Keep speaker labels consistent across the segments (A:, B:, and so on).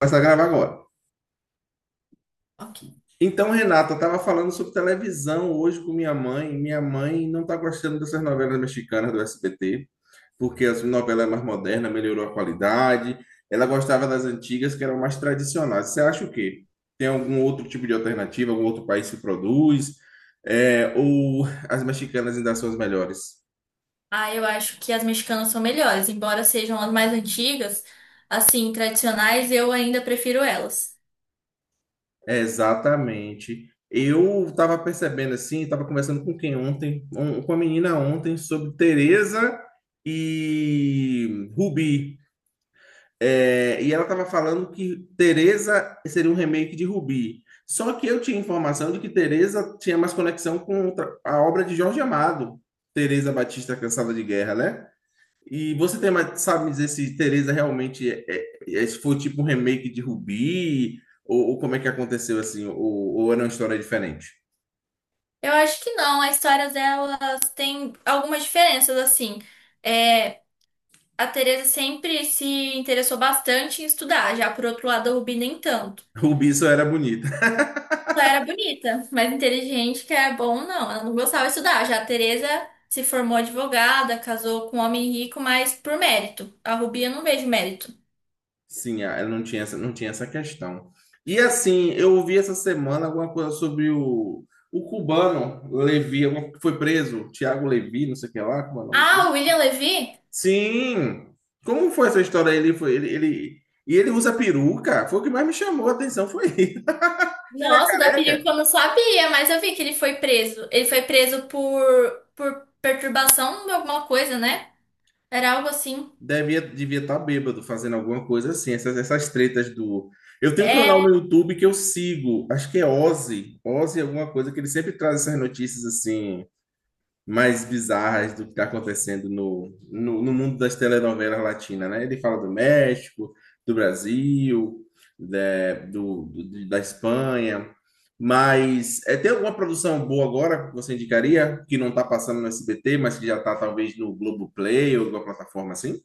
A: Começar a gravar agora.
B: Rock.
A: Então, Renata, eu estava falando sobre televisão hoje com minha mãe. Minha mãe não está gostando dessas novelas mexicanas do SBT, porque as novelas é mais modernas, melhorou a qualidade. Ela gostava das antigas, que eram mais tradicionais. Você acha o quê? Tem algum outro tipo de alternativa? Algum outro país que produz? É, ou as mexicanas ainda são as melhores?
B: Ah, eu acho que as mexicanas são melhores, embora sejam as mais antigas, assim, tradicionais, eu ainda prefiro elas.
A: É, exatamente. Eu estava percebendo assim, estava conversando com quem ontem, com a menina ontem, sobre Teresa e Rubi. É, e ela estava falando que Teresa seria um remake de Rubi. Só que eu tinha informação de que Teresa tinha mais conexão com a obra de Jorge Amado, Teresa Batista Cansada de Guerra, né? E você tem mais, sabe me dizer se Teresa realmente é, se foi tipo um remake de Rubi, ou como é que aconteceu assim, ou era uma história diferente?
B: Eu acho que não, as histórias delas têm algumas diferenças, assim. É, a Teresa sempre se interessou bastante em estudar, já por outro lado, a Rubi nem tanto.
A: Rubi só era bonita.
B: Ela era bonita, mas inteligente, que é bom, não. Ela não gostava de estudar. Já a Teresa se formou advogada, casou com um homem rico, mas por mérito. A Rubi eu não vejo mérito.
A: Sim, ah, ela não tinha essa, não tinha essa questão. E assim, eu ouvi essa semana alguma coisa sobre o cubano Levi, que foi preso, Tiago Levi, não sei o que lá, como é o nome
B: Ah,
A: dele?
B: o William Levy?
A: Sim. Como foi essa história? Ele foi, ele- E ele usa peruca? Foi o que mais me chamou a atenção, foi ele,
B: Nossa, da
A: careca.
B: perícia eu não sabia, mas eu vi que ele foi preso. Ele foi preso por perturbação de alguma coisa, né? Era algo assim.
A: Devia estar bêbado fazendo alguma coisa assim, essas, essas tretas do. Eu tenho um canal
B: É,
A: no YouTube que eu sigo, acho que é Ozzy, Ozzy alguma coisa, que ele sempre traz essas notícias assim, mais bizarras do que está acontecendo no mundo das telenovelas latinas, né? Ele fala do México, do Brasil, da Espanha, mas é, tem alguma produção boa agora que você indicaria, que não está passando no SBT, mas que já está talvez no Globoplay ou alguma plataforma assim?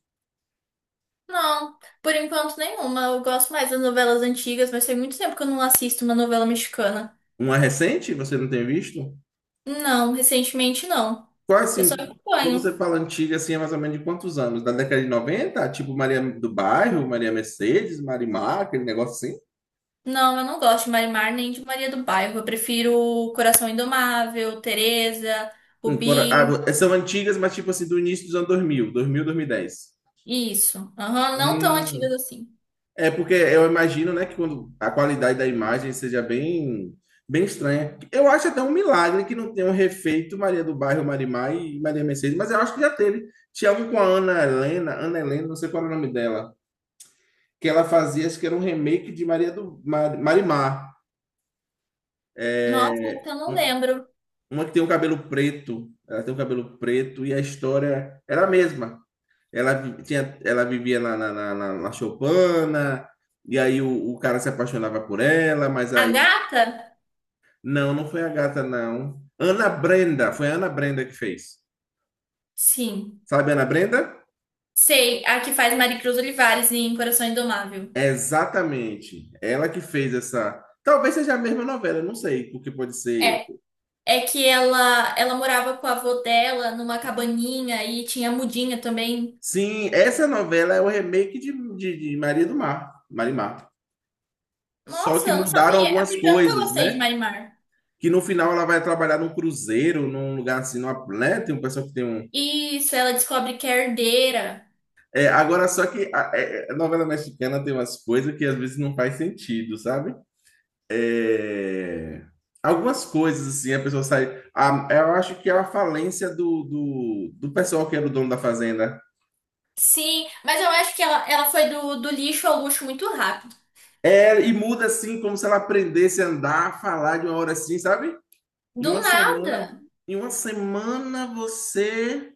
B: não, por enquanto nenhuma. Eu gosto mais das novelas antigas, mas tem muito tempo que eu não assisto uma novela mexicana.
A: Uma recente, você não tem visto?
B: Não, recentemente não.
A: Qual,
B: Eu só
A: assim, quando
B: acompanho.
A: você fala antiga, assim, é mais ou menos de quantos anos? Da década de noventa, tipo Maria do Bairro, Maria Mercedes, Marimar, aquele negócio assim?
B: Não, eu não gosto de Marimar nem de Maria do Bairro. Eu prefiro Coração Indomável, Teresa,
A: Agora,
B: Rubi.
A: ah, são antigas, mas tipo assim, do início dos anos dois mil, dois mil, 2000, 2010.
B: Isso. Aham, não tão antigas
A: Hum,
B: assim.
A: é porque eu imagino, né, que quando a qualidade da imagem seja bem, bem estranha. Eu acho até um milagre que não tenham refeito Maria do Bairro, Marimar e Maria Mercedes, mas eu acho que já teve. Tinha um com a Ana Helena, Ana Helena, não sei qual era o nome dela, que ela fazia, acho que era um remake de Maria do Mar, Marimar.
B: Nossa,
A: É,
B: essa eu não
A: um,
B: lembro.
A: uma que tem o um cabelo preto, ela tem o um cabelo preto e a história era a mesma. Ela, tinha, ela vivia na Chopana, e aí cara se apaixonava por ela, mas
B: A
A: aí.
B: gata?
A: Não, não foi a gata, não. Ana Brenda, foi a Ana Brenda que fez.
B: Sim.
A: Sabe, a Ana Brenda?
B: Sei, a que faz Maricruz Olivares em Coração Indomável.
A: É exatamente. Ela que fez essa. Talvez seja a mesma novela, não sei, porque pode ser.
B: É, é que ela morava com a avó dela numa cabaninha e tinha mudinha também.
A: Sim, essa novela é o remake de Maria do Mar, Marimar. Só
B: Nossa,
A: que
B: eu não
A: mudaram
B: sabia. É
A: algumas
B: porque eu nunca
A: coisas,
B: gostei de
A: né?
B: Marimar.
A: Que no final ela vai trabalhar num cruzeiro, num lugar assim, numa, né? Tem um pessoal que tem um.
B: Isso, ela descobre que é herdeira.
A: É, agora, só que a, é, a novela mexicana tem umas coisas que às vezes não faz sentido, sabe? É... Algumas coisas, assim, a pessoa sai. Eu acho que é a falência do pessoal que era o dono da fazenda.
B: Sim, mas eu acho que ela foi do lixo ao luxo muito rápido.
A: É, e muda assim, como se ela aprendesse a andar, a falar de uma hora assim, sabe? Em
B: Do
A: uma semana,
B: nada.
A: em uma semana, você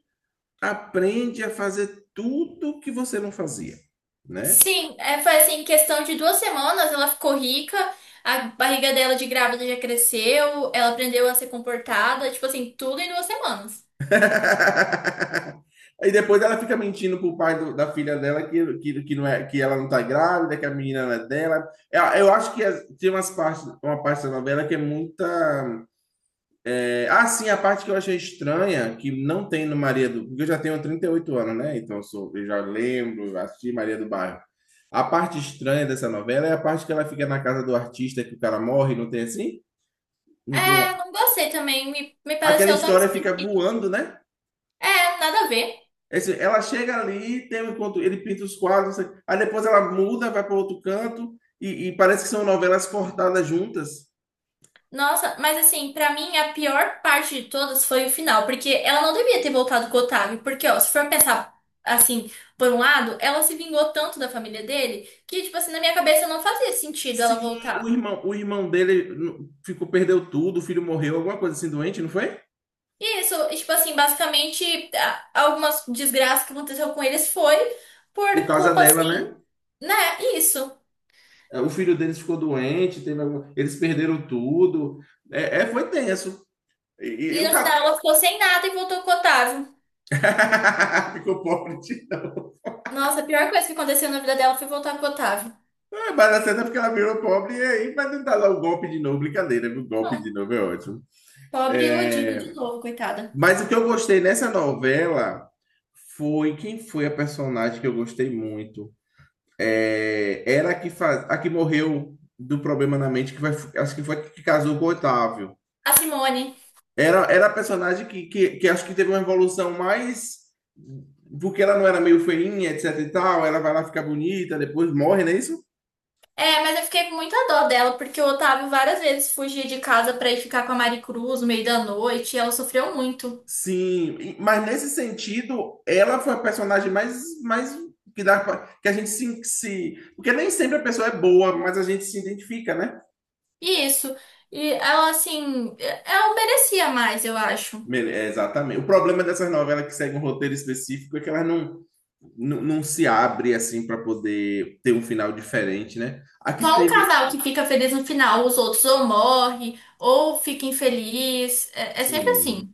A: aprende a fazer tudo que você não fazia, né?
B: Sim, é, foi assim, em questão de duas semanas ela ficou rica, a barriga dela de grávida já cresceu, ela aprendeu a ser comportada, tipo assim, tudo em duas semanas.
A: Aí depois ela fica mentindo pro pai da filha dela não é, que ela não tá grávida, que a menina não é dela. Eu acho que tem umas partes, uma parte da novela que é muita. Ah, sim, a parte que eu achei estranha, que não tem no Maria do... Porque eu já tenho 38 anos, né? Então eu já lembro, assisti Maria do Bairro. A parte estranha dessa novela é a parte que ela fica na casa do artista, que o cara morre, não tem assim? Não tem...
B: É, não gostei também, me
A: Aquela
B: pareceu tão
A: história fica
B: esquisito.
A: voando, né?
B: É, nada a ver.
A: Ela chega ali, tem um encontro, ele pinta os quadros, não sei- aí depois ela muda, vai para outro canto, e parece que são novelas cortadas juntas.
B: Nossa, mas assim, pra mim a pior parte de todas foi o final, porque ela não devia ter voltado com o Otávio, porque ó, se for pensar assim, por um lado, ela se vingou tanto da família dele que, tipo assim, na minha cabeça não fazia sentido ela
A: Sim,
B: voltar.
A: o irmão dele ficou, perdeu tudo, o filho morreu, alguma coisa assim doente, não foi?
B: Isso, e, tipo assim, basicamente, algumas desgraças que aconteceu com eles foi
A: Por
B: por
A: causa
B: culpa,
A: dela,
B: assim,
A: né?
B: né? Isso.
A: É, o filho deles ficou doente, teve algum... eles perderam tudo. É, é foi tenso. E
B: E
A: o
B: no final
A: cara
B: ela ficou sem nada e voltou com o Otávio.
A: ficou pobre de novo.
B: Nossa, a pior coisa que aconteceu na vida dela foi voltar com o Otávio.
A: É, mas a cena é porque ela virou pobre e aí vai tentar dar o golpe de novo. Brincadeira, o golpe de
B: Não,
A: novo é ótimo.
B: pobre e iludida de
A: É...
B: novo, coitada.
A: Mas o que eu gostei nessa novela foi quem foi a personagem que eu gostei muito. É... Era a que, faz... a que morreu do problema na mente, que vai... acho que foi a que casou com o Otávio.
B: A Simone.
A: Era, era a personagem que acho que teve uma evolução mais. Porque ela não era meio feinha, etc e tal, ela vai lá ficar bonita, depois morre, não é isso?
B: É, mas eu fiquei com muita dó dela, porque o Otávio várias vezes fugia de casa pra ir ficar com a Mari Cruz no meio da noite, e ela sofreu muito.
A: Sim, mas nesse sentido, ela foi a personagem mais, mais que dá que a gente se, se. Porque nem sempre a pessoa é boa, mas a gente se identifica, né?
B: E isso. E ela, assim, é, ela merecia mais, eu acho.
A: É, exatamente. O problema dessas novelas que seguem um roteiro específico é que elas não, não, não se abrem assim para poder ter um final diferente, né? Aqui
B: Só um
A: teve.
B: casal que fica feliz no final, os outros ou morre, ou fica infeliz. É, é sempre
A: Sim,
B: assim.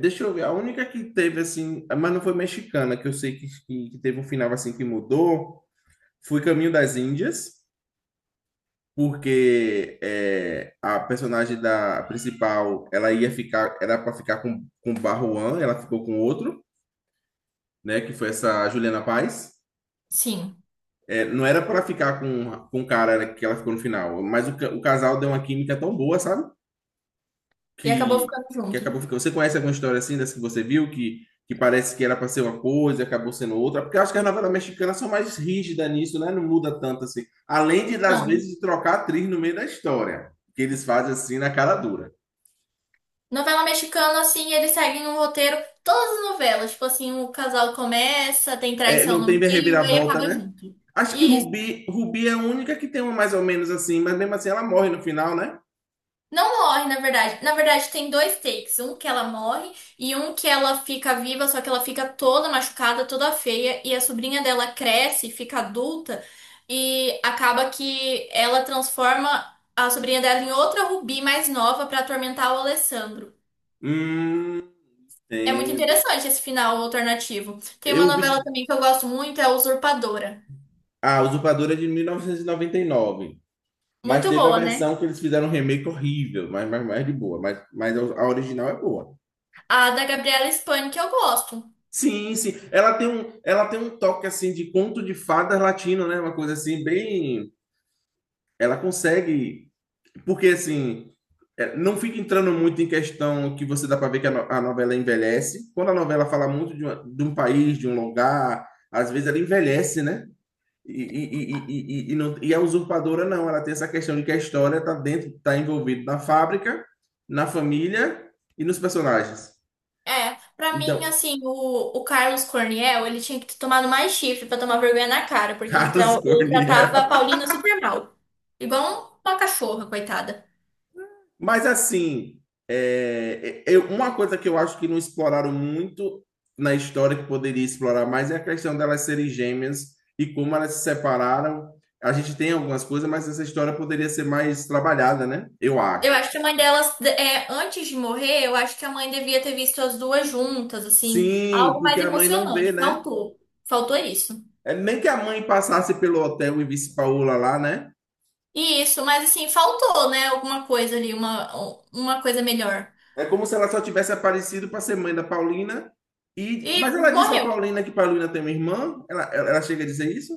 A: deixa eu ver, a única que teve assim, mas não foi mexicana, que eu sei que teve um final assim que mudou, foi Caminho das Índias, porque é, a personagem da principal, ela ia ficar, era para ficar com Barruan, ela ficou com outro, né, que foi essa Juliana Paz.
B: Sim.
A: É, não era para ficar com o cara que ela ficou no final, mas o, o casal deu uma química tão boa, sabe?
B: E acabou
A: Que
B: ficando
A: que
B: junto.
A: acabou ficando. Você conhece alguma história assim dessa que você viu que parece que era para ser uma coisa e acabou sendo outra? Porque eu acho que as novelas mexicanas são mais rígidas nisso, né? Não muda tanto assim. Além de, às
B: Não.
A: vezes, de trocar atriz no meio da história, que eles fazem assim na cara dura.
B: Novela mexicana, assim, eles seguem um roteiro, todas as novelas. Tipo assim, o casal começa, tem
A: É,
B: traição
A: não
B: no
A: tem
B: meio, aí
A: reviravolta,
B: acaba
A: né?
B: junto.
A: Acho que
B: Isso.
A: Rubi, Rubi é a única que tem uma mais ou menos assim, mas mesmo assim ela morre no final, né?
B: Não morre, na verdade. Na verdade, tem dois takes. Um que ela morre e um que ela fica viva, só que ela fica toda machucada, toda feia. E a sobrinha dela cresce, fica adulta e acaba que ela transforma a sobrinha dela em outra Rubi mais nova pra atormentar o Alessandro.
A: Hum,
B: É muito
A: entendo.
B: interessante esse final alternativo. Tem uma
A: Eu
B: novela
A: vi.
B: também que eu gosto muito, é a Usurpadora.
A: Ah, Usurpadora é de 1999. Mas
B: Muito
A: teve a
B: boa, né?
A: versão que eles fizeram um remake horrível, mas de boa. Mas a original é boa.
B: A da Gabriela Spani que eu gosto.
A: Sim, sim. Ela tem um toque assim de conto de fadas latino, né? Uma coisa assim, bem. Ela consegue. Porque assim. É, não fica entrando muito em questão que você dá para ver que a, a novela envelhece. Quando a novela fala muito de, de um país, de um lugar, às vezes ela envelhece, né? E, e, e, não, e a usurpadora não, ela tem essa questão de que a história está dentro, está envolvida na fábrica, na família e nos personagens.
B: É, pra mim,
A: Então,
B: assim, o Carlos Corniel, ele tinha que ter tomado mais chifre pra tomar vergonha na cara, porque ele,
A: Carlos
B: ele tratava a
A: Corniel.
B: Paulina super mal. Igual uma cachorra, coitada.
A: Mas assim, é, eu, uma coisa que eu acho que não exploraram muito na história que poderia explorar mais é a questão delas serem gêmeas e como elas se separaram. A gente tem algumas coisas, mas essa história poderia ser mais trabalhada, né? Eu
B: Eu
A: acho.
B: acho que a mãe delas, é, antes de morrer, eu acho que a mãe devia ter visto as duas juntas, assim,
A: Sim,
B: algo
A: porque
B: mais
A: a mãe não vê,
B: emocionante.
A: né?
B: Faltou. Faltou isso.
A: É nem que a mãe passasse pelo hotel e visse Paola lá, né?
B: E isso, mas assim, faltou, né? Alguma coisa ali, uma coisa melhor.
A: É como se ela só tivesse aparecido para ser mãe da Paulina. E...
B: E
A: mas ela disse para
B: morreu.
A: Paulina que Paulina tem uma irmã? Ela, ela chega a dizer isso?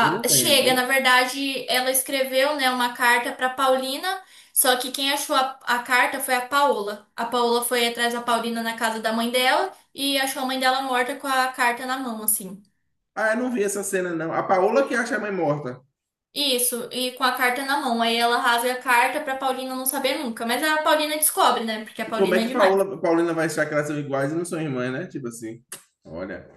A: Eu não
B: chega,
A: lembro.
B: na verdade, ela escreveu, né, uma carta para Paulina, só que quem achou a carta foi a Paola. A Paola foi atrás da Paulina na casa da mãe dela e achou a mãe dela morta com a carta na mão, assim.
A: Ah, eu não vi essa cena, não. A Paola que acha a mãe morta.
B: Isso, e com a carta na mão. Aí ela rasga a carta pra Paulina não saber nunca. Mas a Paulina descobre, né? Porque a
A: Como é
B: Paulina é
A: que
B: demais.
A: Paola, Paulina vai achar que elas são iguais e não são irmãs, né? Tipo assim. Olha.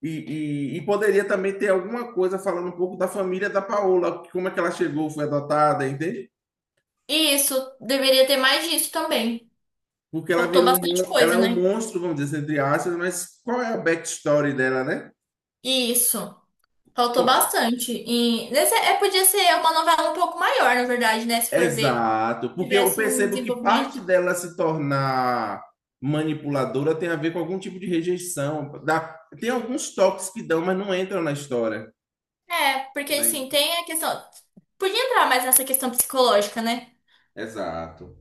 A: Poderia também ter alguma coisa falando um pouco da família da Paola, como é que ela chegou, foi adotada, entende?
B: Isso, deveria ter mais disso também.
A: Porque ela
B: Faltou
A: virou um,
B: bastante
A: ela é
B: coisa,
A: um
B: né?
A: monstro, vamos dizer, assim, entre aspas, mas qual é a backstory dela, né?
B: Isso. Faltou
A: Bom,
B: bastante. E nesse, é, podia ser uma novela um pouco maior, na verdade, né? Se for ver,
A: exato, porque eu
B: tivesse um
A: percebo que parte
B: desenvolvimento.
A: dela se tornar manipuladora tem a ver com algum tipo de rejeição. Dá, tem alguns toques que dão, mas não entram na história.
B: É, porque assim,
A: Né?
B: tem a questão. Podia entrar mais nessa questão psicológica, né?
A: Exato.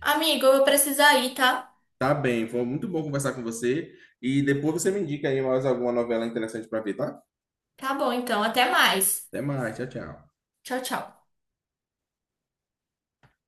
B: Amigo, eu vou precisar ir, tá?
A: Tá bem, foi muito bom conversar com você. E depois você me indica aí mais alguma novela interessante para ver, tá?
B: Tá bom, então. Até mais.
A: Até mais, tchau, tchau.
B: Tchau, tchau.